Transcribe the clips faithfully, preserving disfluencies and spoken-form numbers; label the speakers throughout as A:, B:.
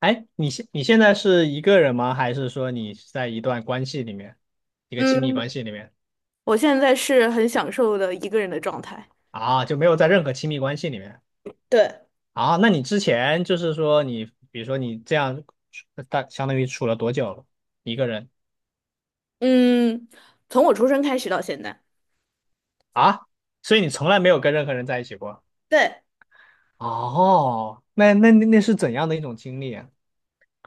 A: 哎，你现你现在是一个人吗？还是说你是在一段关系里面，一个亲密
B: 嗯，
A: 关系里面
B: 我现在是很享受的一个人的状态。
A: 啊？就没有在任何亲密关系里面
B: 对。
A: 啊？那你之前就是说你，比如说你这样，大相当于处了多久了？一个人
B: 嗯，从我出生开始到现在，
A: 啊？所以你从来没有跟任何人在一起过？
B: 对，
A: 哦，那那那那是怎样的一种经历啊？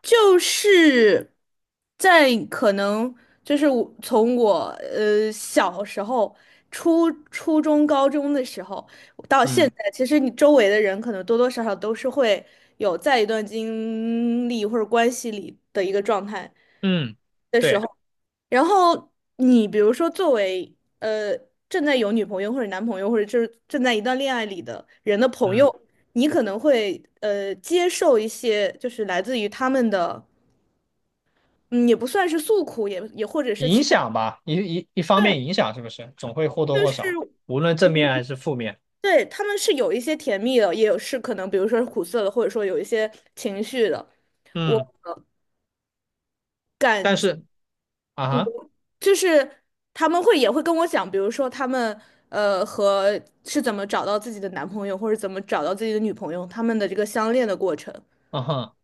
B: 就是在可能就是我从我呃小时候、初初中、高中的时候到现
A: 嗯
B: 在，其实你周围的人可能多多少少都是会有在一段经历或者关系里的一个状态。
A: 嗯，对，
B: 然后你比如说，作为呃正在有女朋友或者男朋友，或者就是正在一段恋爱里的人的朋
A: 嗯，
B: 友，你可能会呃接受一些就是来自于他们的，嗯，也不算是诉苦，也也或者是
A: 影
B: 情，
A: 响吧，一一一方面影响是不是总会或多
B: 就
A: 或
B: 是
A: 少，无论正面还是负面，
B: 对他们是有一些甜蜜的，也有是可能比如说是苦涩的，或者说有一些情绪的。
A: 嗯，
B: 我。
A: 但是。啊哈，
B: 就是他们会也会跟我讲，比如说他们呃和是怎么找到自己的男朋友，或者怎么找到自己的女朋友，他们的这个相恋的过程，
A: 嗯哼，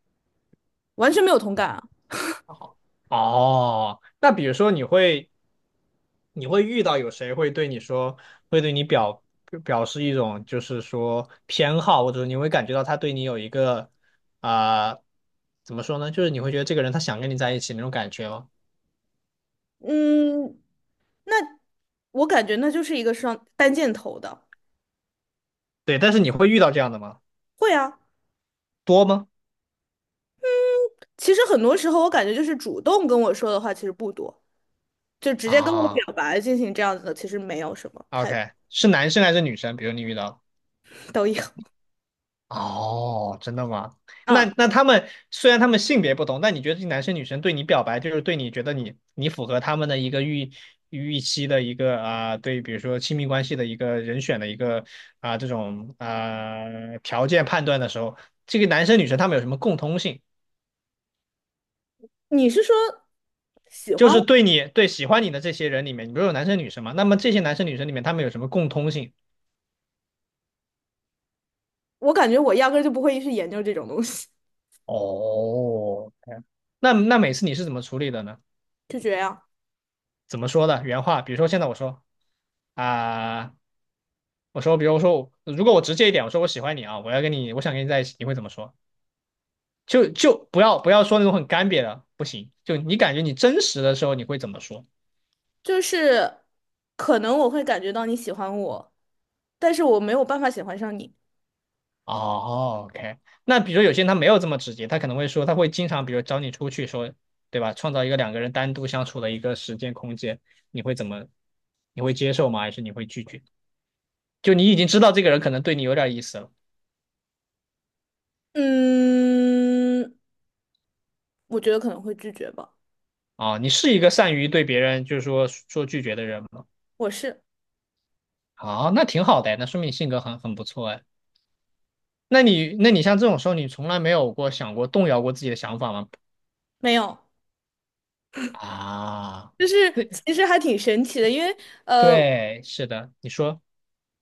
B: 完全没有同感啊。
A: 还好。哦，那比如说你会你会遇到有谁会对你说，会对你表表示一种就是说偏好，或者你会感觉到他对你有一个啊、怎么说呢？就是你会觉得这个人他想跟你在一起那种感觉吗？
B: 嗯，那我感觉那就是一个双单箭头的。
A: 对，但是你会遇到这样的吗？
B: 会啊，
A: 多吗？
B: 其实很多时候我感觉就是主动跟我说的话其实不多，就直接跟我
A: 啊
B: 表白进行这样子的，其实没有什么太
A: ，OK，是男生还是女生？比如你遇到。
B: 都有。
A: 哦，真的吗？那
B: 嗯，
A: 那他们虽然他们性别不同，但你觉得这男生女生对你表白，就是对你觉得你你符合他们的一个预预期的一个啊、对，比如说亲密关系的一个人选的一个啊、这种啊、条件判断的时候，这个男生女生他们有什么共通性？
B: 你是说喜
A: 就
B: 欢
A: 是
B: 我？
A: 对你对喜欢你的这些人里面，你不是有男生女生吗？那么这些男生女生里面他们有什么共通性？
B: 我感觉我压根儿就不会去研究这种东西，
A: 哦，OK，那那每次你是怎么处理的呢？
B: 就这样。
A: 怎么说的？原话，比如说现在我说。啊、我说，比如说如果我直接一点，我说我喜欢你啊，我要跟你，我想跟你在一起，你会怎么说？就就不要不要说那种很干瘪的，不行。就你感觉你真实的时候，你会怎么说？
B: 就是可能我会感觉到你喜欢我，但是我没有办法喜欢上你。
A: 哦，OK。那比如说有些人他没有这么直接，他可能会说，他会经常比如找你出去说，对吧？创造一个两个人单独相处的一个时间空间，你会怎么？你会接受吗？还是你会拒绝？就你已经知道这个人可能对你有点意思了
B: 嗯，我觉得可能会拒绝吧。
A: 啊，你是一个善于对别人就是说说拒绝的人吗？
B: 我是
A: 好，那挺好的哎，那说明你性格很很不错哎。那你，那你像这种时候，你从来没有过想过动摇过自己的想法吗？
B: 没有，
A: 啊，
B: 就是
A: 那
B: 其实还挺神奇的，因为
A: 对，是的，你说，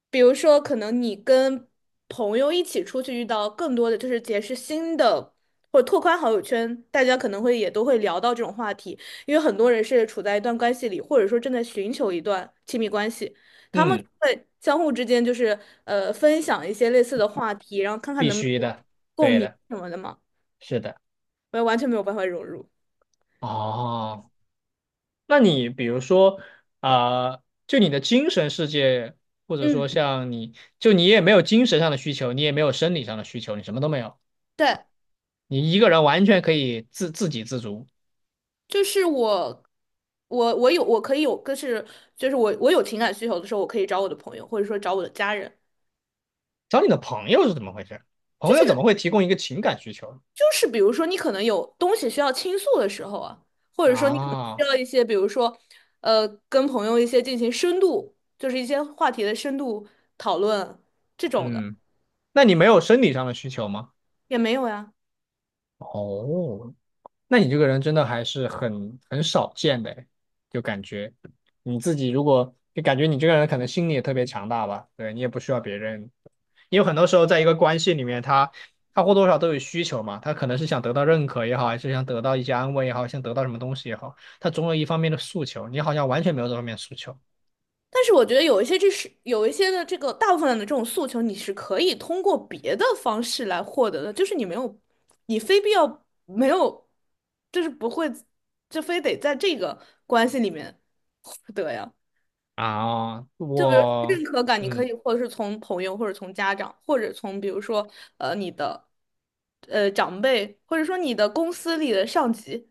B: 比如说，可能你跟朋友一起出去遇到更多的就是结识新的。或者拓宽好友圈，大家可能会也都会聊到这种话题，因为很多人是处在一段关系里，或者说正在寻求一段亲密关系。
A: 嗯，
B: 对，相互之间就是呃分享一些类似的话题，然后看看
A: 必
B: 能不能
A: 须
B: 有
A: 的，
B: 共
A: 对
B: 鸣
A: 的，
B: 什么的嘛。
A: 是的。
B: 我也完全没有办法融入。
A: 哦，那你比如说，啊、就你的精神世界，或者
B: 嗯，
A: 说像你，就你也没有精神上的需求，你也没有生理上的需求，你什么都没有，
B: 对，
A: 你一个人完全可以自自给自足。
B: 就是我，我我有我可以有，个是就是我我有情感需求的时候，我可以找我的朋友，或者说找我的家人。
A: 找你的朋友是怎么回事？
B: 就
A: 朋友怎
B: 是
A: 么会提供一个情感需求？
B: 就是比如说你可能有东西需要倾诉的时候啊，或者说你可能需
A: 啊，
B: 要一些，比如说呃跟朋友一些进行深度，就是一些话题的深度讨论这种的
A: 嗯，那你没有生理上的需求吗？
B: 也没有呀。
A: 哦，那你这个人真的还是很很少见的诶就感觉你自己如果就感觉你这个人可能心理也特别强大吧，对你也不需要别人，因为很多时候在一个关系里面，他他或多或少都有需求嘛，他可能是想得到认可也好，还是想得到一些安慰也好，想得到什么东西也好，他总有一方面的诉求，你好像完全没有这方面的诉求
B: 但是我觉得有一些这是有一些的这个大部分的这种诉求，你是可以通过别的方式来获得的，就是你没有，你非必要没有，就是不会，就非得在这个关系里面获得呀。
A: 啊，
B: 就比如认
A: 我。
B: 可感，你可
A: 嗯。
B: 以或者是从朋友，或者从家长，或者从比如说呃你的呃长辈，或者说你的公司里的上级，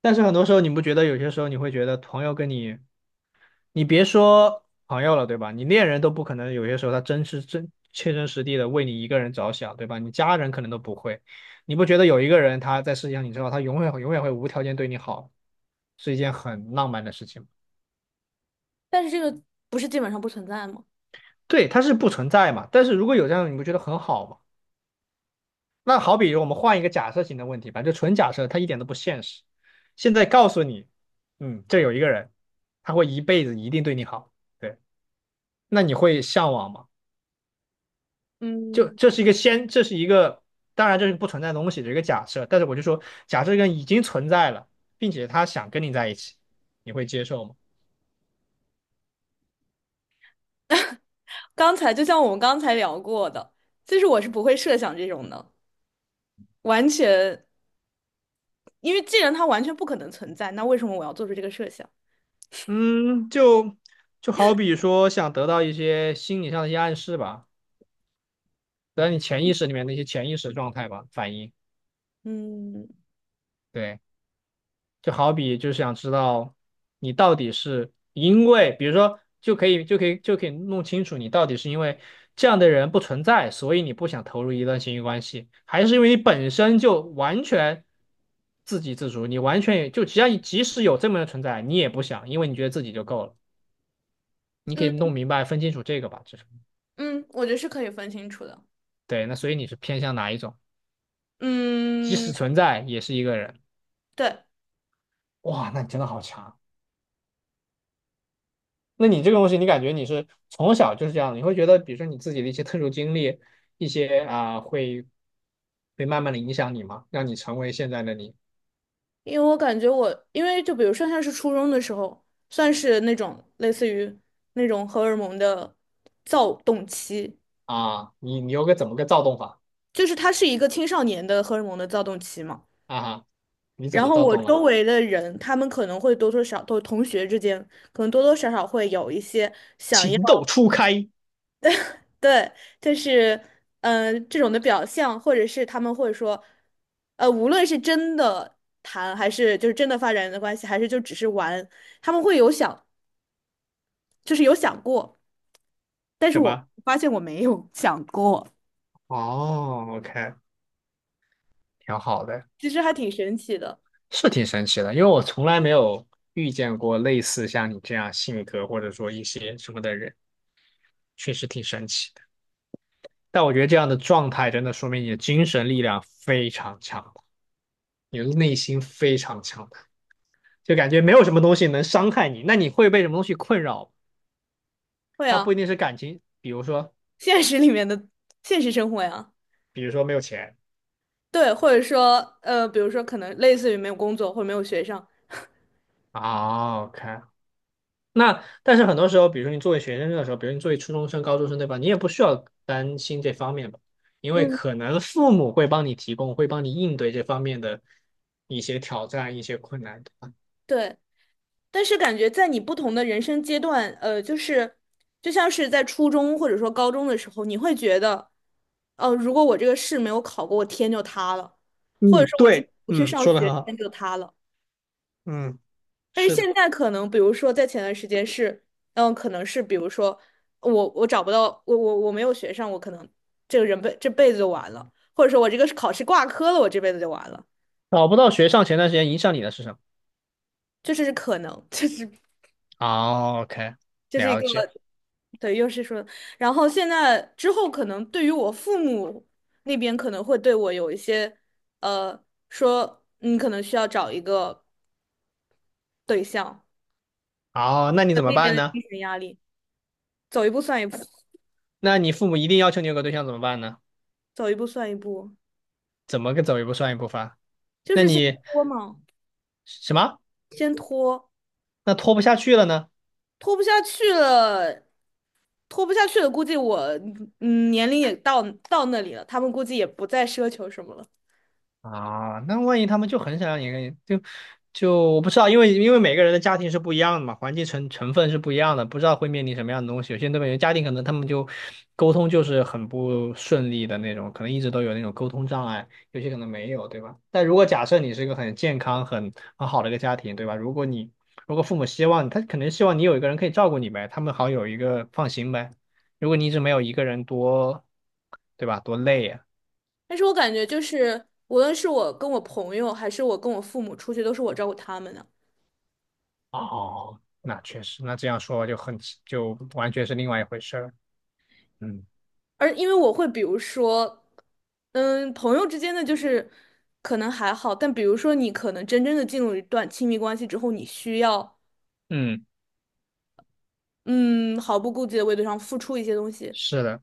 A: 但是很多时候，你不觉得有些时候你会觉得朋友跟你，你别说朋友了，对吧？你恋人都不可能，有些时候他真是真切身实地的为你一个人着想，对吧？你家人可能都不会，你不觉得有一个人他在世界上，你知道他永远永远会无条件对你好，是一件很浪漫的事情吗？
B: 但是这个不是基本上不存在吗？
A: 对，他是不存在嘛。但是如果有这样你不觉得很好吗？那好比我们换一个假设性的问题吧，就纯假设，它一点都不现实。现在告诉你，嗯，这有一个人，他会一辈子一定对你好。对。那你会向往吗？就
B: 嗯，
A: 这是一个先，这是一个，当然这是不存在的东西，的一个假设。但是我就说，假设这个已经存在了，并且他想跟你在一起，你会接受吗？
B: 刚才就像我们刚才聊过的，其实我是不会设想这种的，完全，因为既然它完全不可能存在，那为什么我要做出这个设想？
A: 嗯，就就好比说想得到一些心理上的一些暗示吧，得到你潜意识里面的一些潜意识状态吧，反应。
B: 嗯
A: 对。就好比就是想知道你到底是因为，比如说就可以就可以就可以弄清楚你到底是因为这样的人不存在，所以你不想投入一段亲密关系，还是因为你本身就完全自给自足，你完全也就只要你即使有这么的存在，你也不想，因为你觉得自己就够了。你可以
B: 嗯
A: 弄明白分清楚这个吧，就是
B: 嗯，我觉得是可以分清楚的。
A: 对。那所以你是偏向哪一种？即使
B: 嗯，
A: 存在也是一个人，
B: 对，
A: 哇，那你真的好强。那你这个东西，你感觉你是从小就是这样的，你会觉得，比如说你自己的一些特殊经历，一些啊、会会慢慢的影响你吗？让你成为现在的你
B: 因为我感觉我，因为就比如上像是初中的时候，算是那种类似于那种荷尔蒙的躁动期，
A: 啊？你你有个怎么个躁动法
B: 就是它是一个青少年的荷尔蒙的躁动期嘛。
A: 啊哈？你怎
B: 然
A: 么
B: 后
A: 躁
B: 我
A: 动
B: 周
A: 了？
B: 围的人，他们可能会多多少都同学之间，可能多多少少会有一些想要，
A: 情窦初开，
B: 对，就是嗯、呃这种的表象，或者是他们会说，呃，无论是真的谈，还是就是真的发展的关系，还是就只是玩，他们会有想，就是有想过，但是
A: 什
B: 我
A: 么？
B: 发现我没有想过，
A: 哦，OK，挺好的，
B: 其实还挺神奇的。
A: 是挺神奇的，因为我从来没有遇见过类似像你这样性格或者说一些什么的人，确实挺神奇的。但我觉得这样的状态真的说明你的精神力量非常强。你的内心非常强大，就感觉没有什么东西能伤害你。那你会被什么东西困扰？
B: 会
A: 它不
B: 啊，
A: 一定是感情，比如说，
B: 现实里面的现实生活呀。
A: 比如说没有钱
B: 对，或者说，呃，比如说，可能类似于没有工作或者没有学上，
A: 啊。OK，那但是很多时候，比如说你作为学生的时候，比如你作为初中生、高中生，对吧？你也不需要担心这方面吧，因为
B: 嗯，
A: 可能父母会帮你提供，会帮你应对这方面的一些挑战、一些困难，对吧？
B: 对，但是感觉在你不同的人生阶段，呃，就是就像是在初中或者说高中的时候，你会觉得，哦、如果我这个试没有考过，我天就塌了，或者
A: 嗯，
B: 说我今天
A: 对，
B: 不去
A: 嗯，
B: 上
A: 说的很
B: 学，
A: 好，
B: 天就塌了。
A: 嗯，
B: 但是
A: 是的。
B: 现在可能，比如说在前段时间是，嗯，可能是比如说我我找不到，我我我没有学上，我可能这个人辈这辈子就完了，或者说我这个考试挂科了，我这辈子就完了，
A: 找不到学上前段时间影响你的是什么？
B: 这是可能，这是
A: 哦，OK，
B: 这是一
A: 了
B: 个。
A: 解。
B: 对，又是说，然后现在之后可能对于我父母那边可能会对我有一些，呃，说你可能需要找一个对象，
A: 哦，那你
B: 那
A: 怎么
B: 边
A: 办
B: 的
A: 呢？
B: 精神压力，走一步算一步，
A: 那你父母一定要求你有个对象怎么办呢？
B: 走一步算一步，
A: 怎么个走一步算一步法？
B: 就
A: 那
B: 是先
A: 你
B: 拖嘛，
A: 什么？
B: 先拖，
A: 那拖不下去了呢？
B: 拖不下去了，拖不下去了，估计我嗯年龄也到到那里了，他们估计也不再奢求什么了。
A: 啊，那万一他们就很想让你跟就就我不知道，因为因为每个人的家庭是不一样的嘛，环境成成分是不一样的，不知道会面临什么样的东西。有些东北人家庭可能他们就沟通就是很不顺利的那种，可能一直都有那种沟通障碍，有些可能没有，对吧？但如果假设你是一个很健康、很很好的一个家庭，对吧？如果你如果父母希望他可能希望你有一个人可以照顾你呗，他们好有一个放心呗。如果你一直没有一个人多，对吧？多累呀、
B: 但是我感觉就是，无论是我跟我朋友，还是我跟我父母出去，都是我照顾他们的。
A: 哦，那确实，那这样说就很就完全是另外一回事儿。嗯
B: 而因为我会比如说，嗯，朋友之间的就是可能还好，但比如说你可能真正的进入一段亲密关系之后，你需要
A: 嗯，
B: 嗯毫不顾忌的为对方付出一些东西，
A: 是的，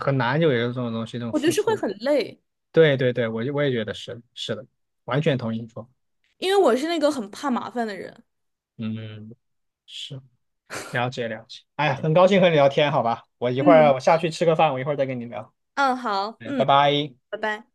A: 很难就有这种东西，这种
B: 我觉得
A: 付
B: 是会
A: 出。
B: 很累，
A: 对对对，我就我也觉得是是的，完全同意你说。
B: 因为我是那个很怕麻烦的人。
A: 嗯，是了解了解。哎呀很高兴和你聊天，好吧？我一会
B: 嗯
A: 儿我下去吃个饭，我一会儿再跟你聊。
B: 嗯，好，
A: 嗯，拜
B: 嗯，
A: 拜。
B: 拜拜。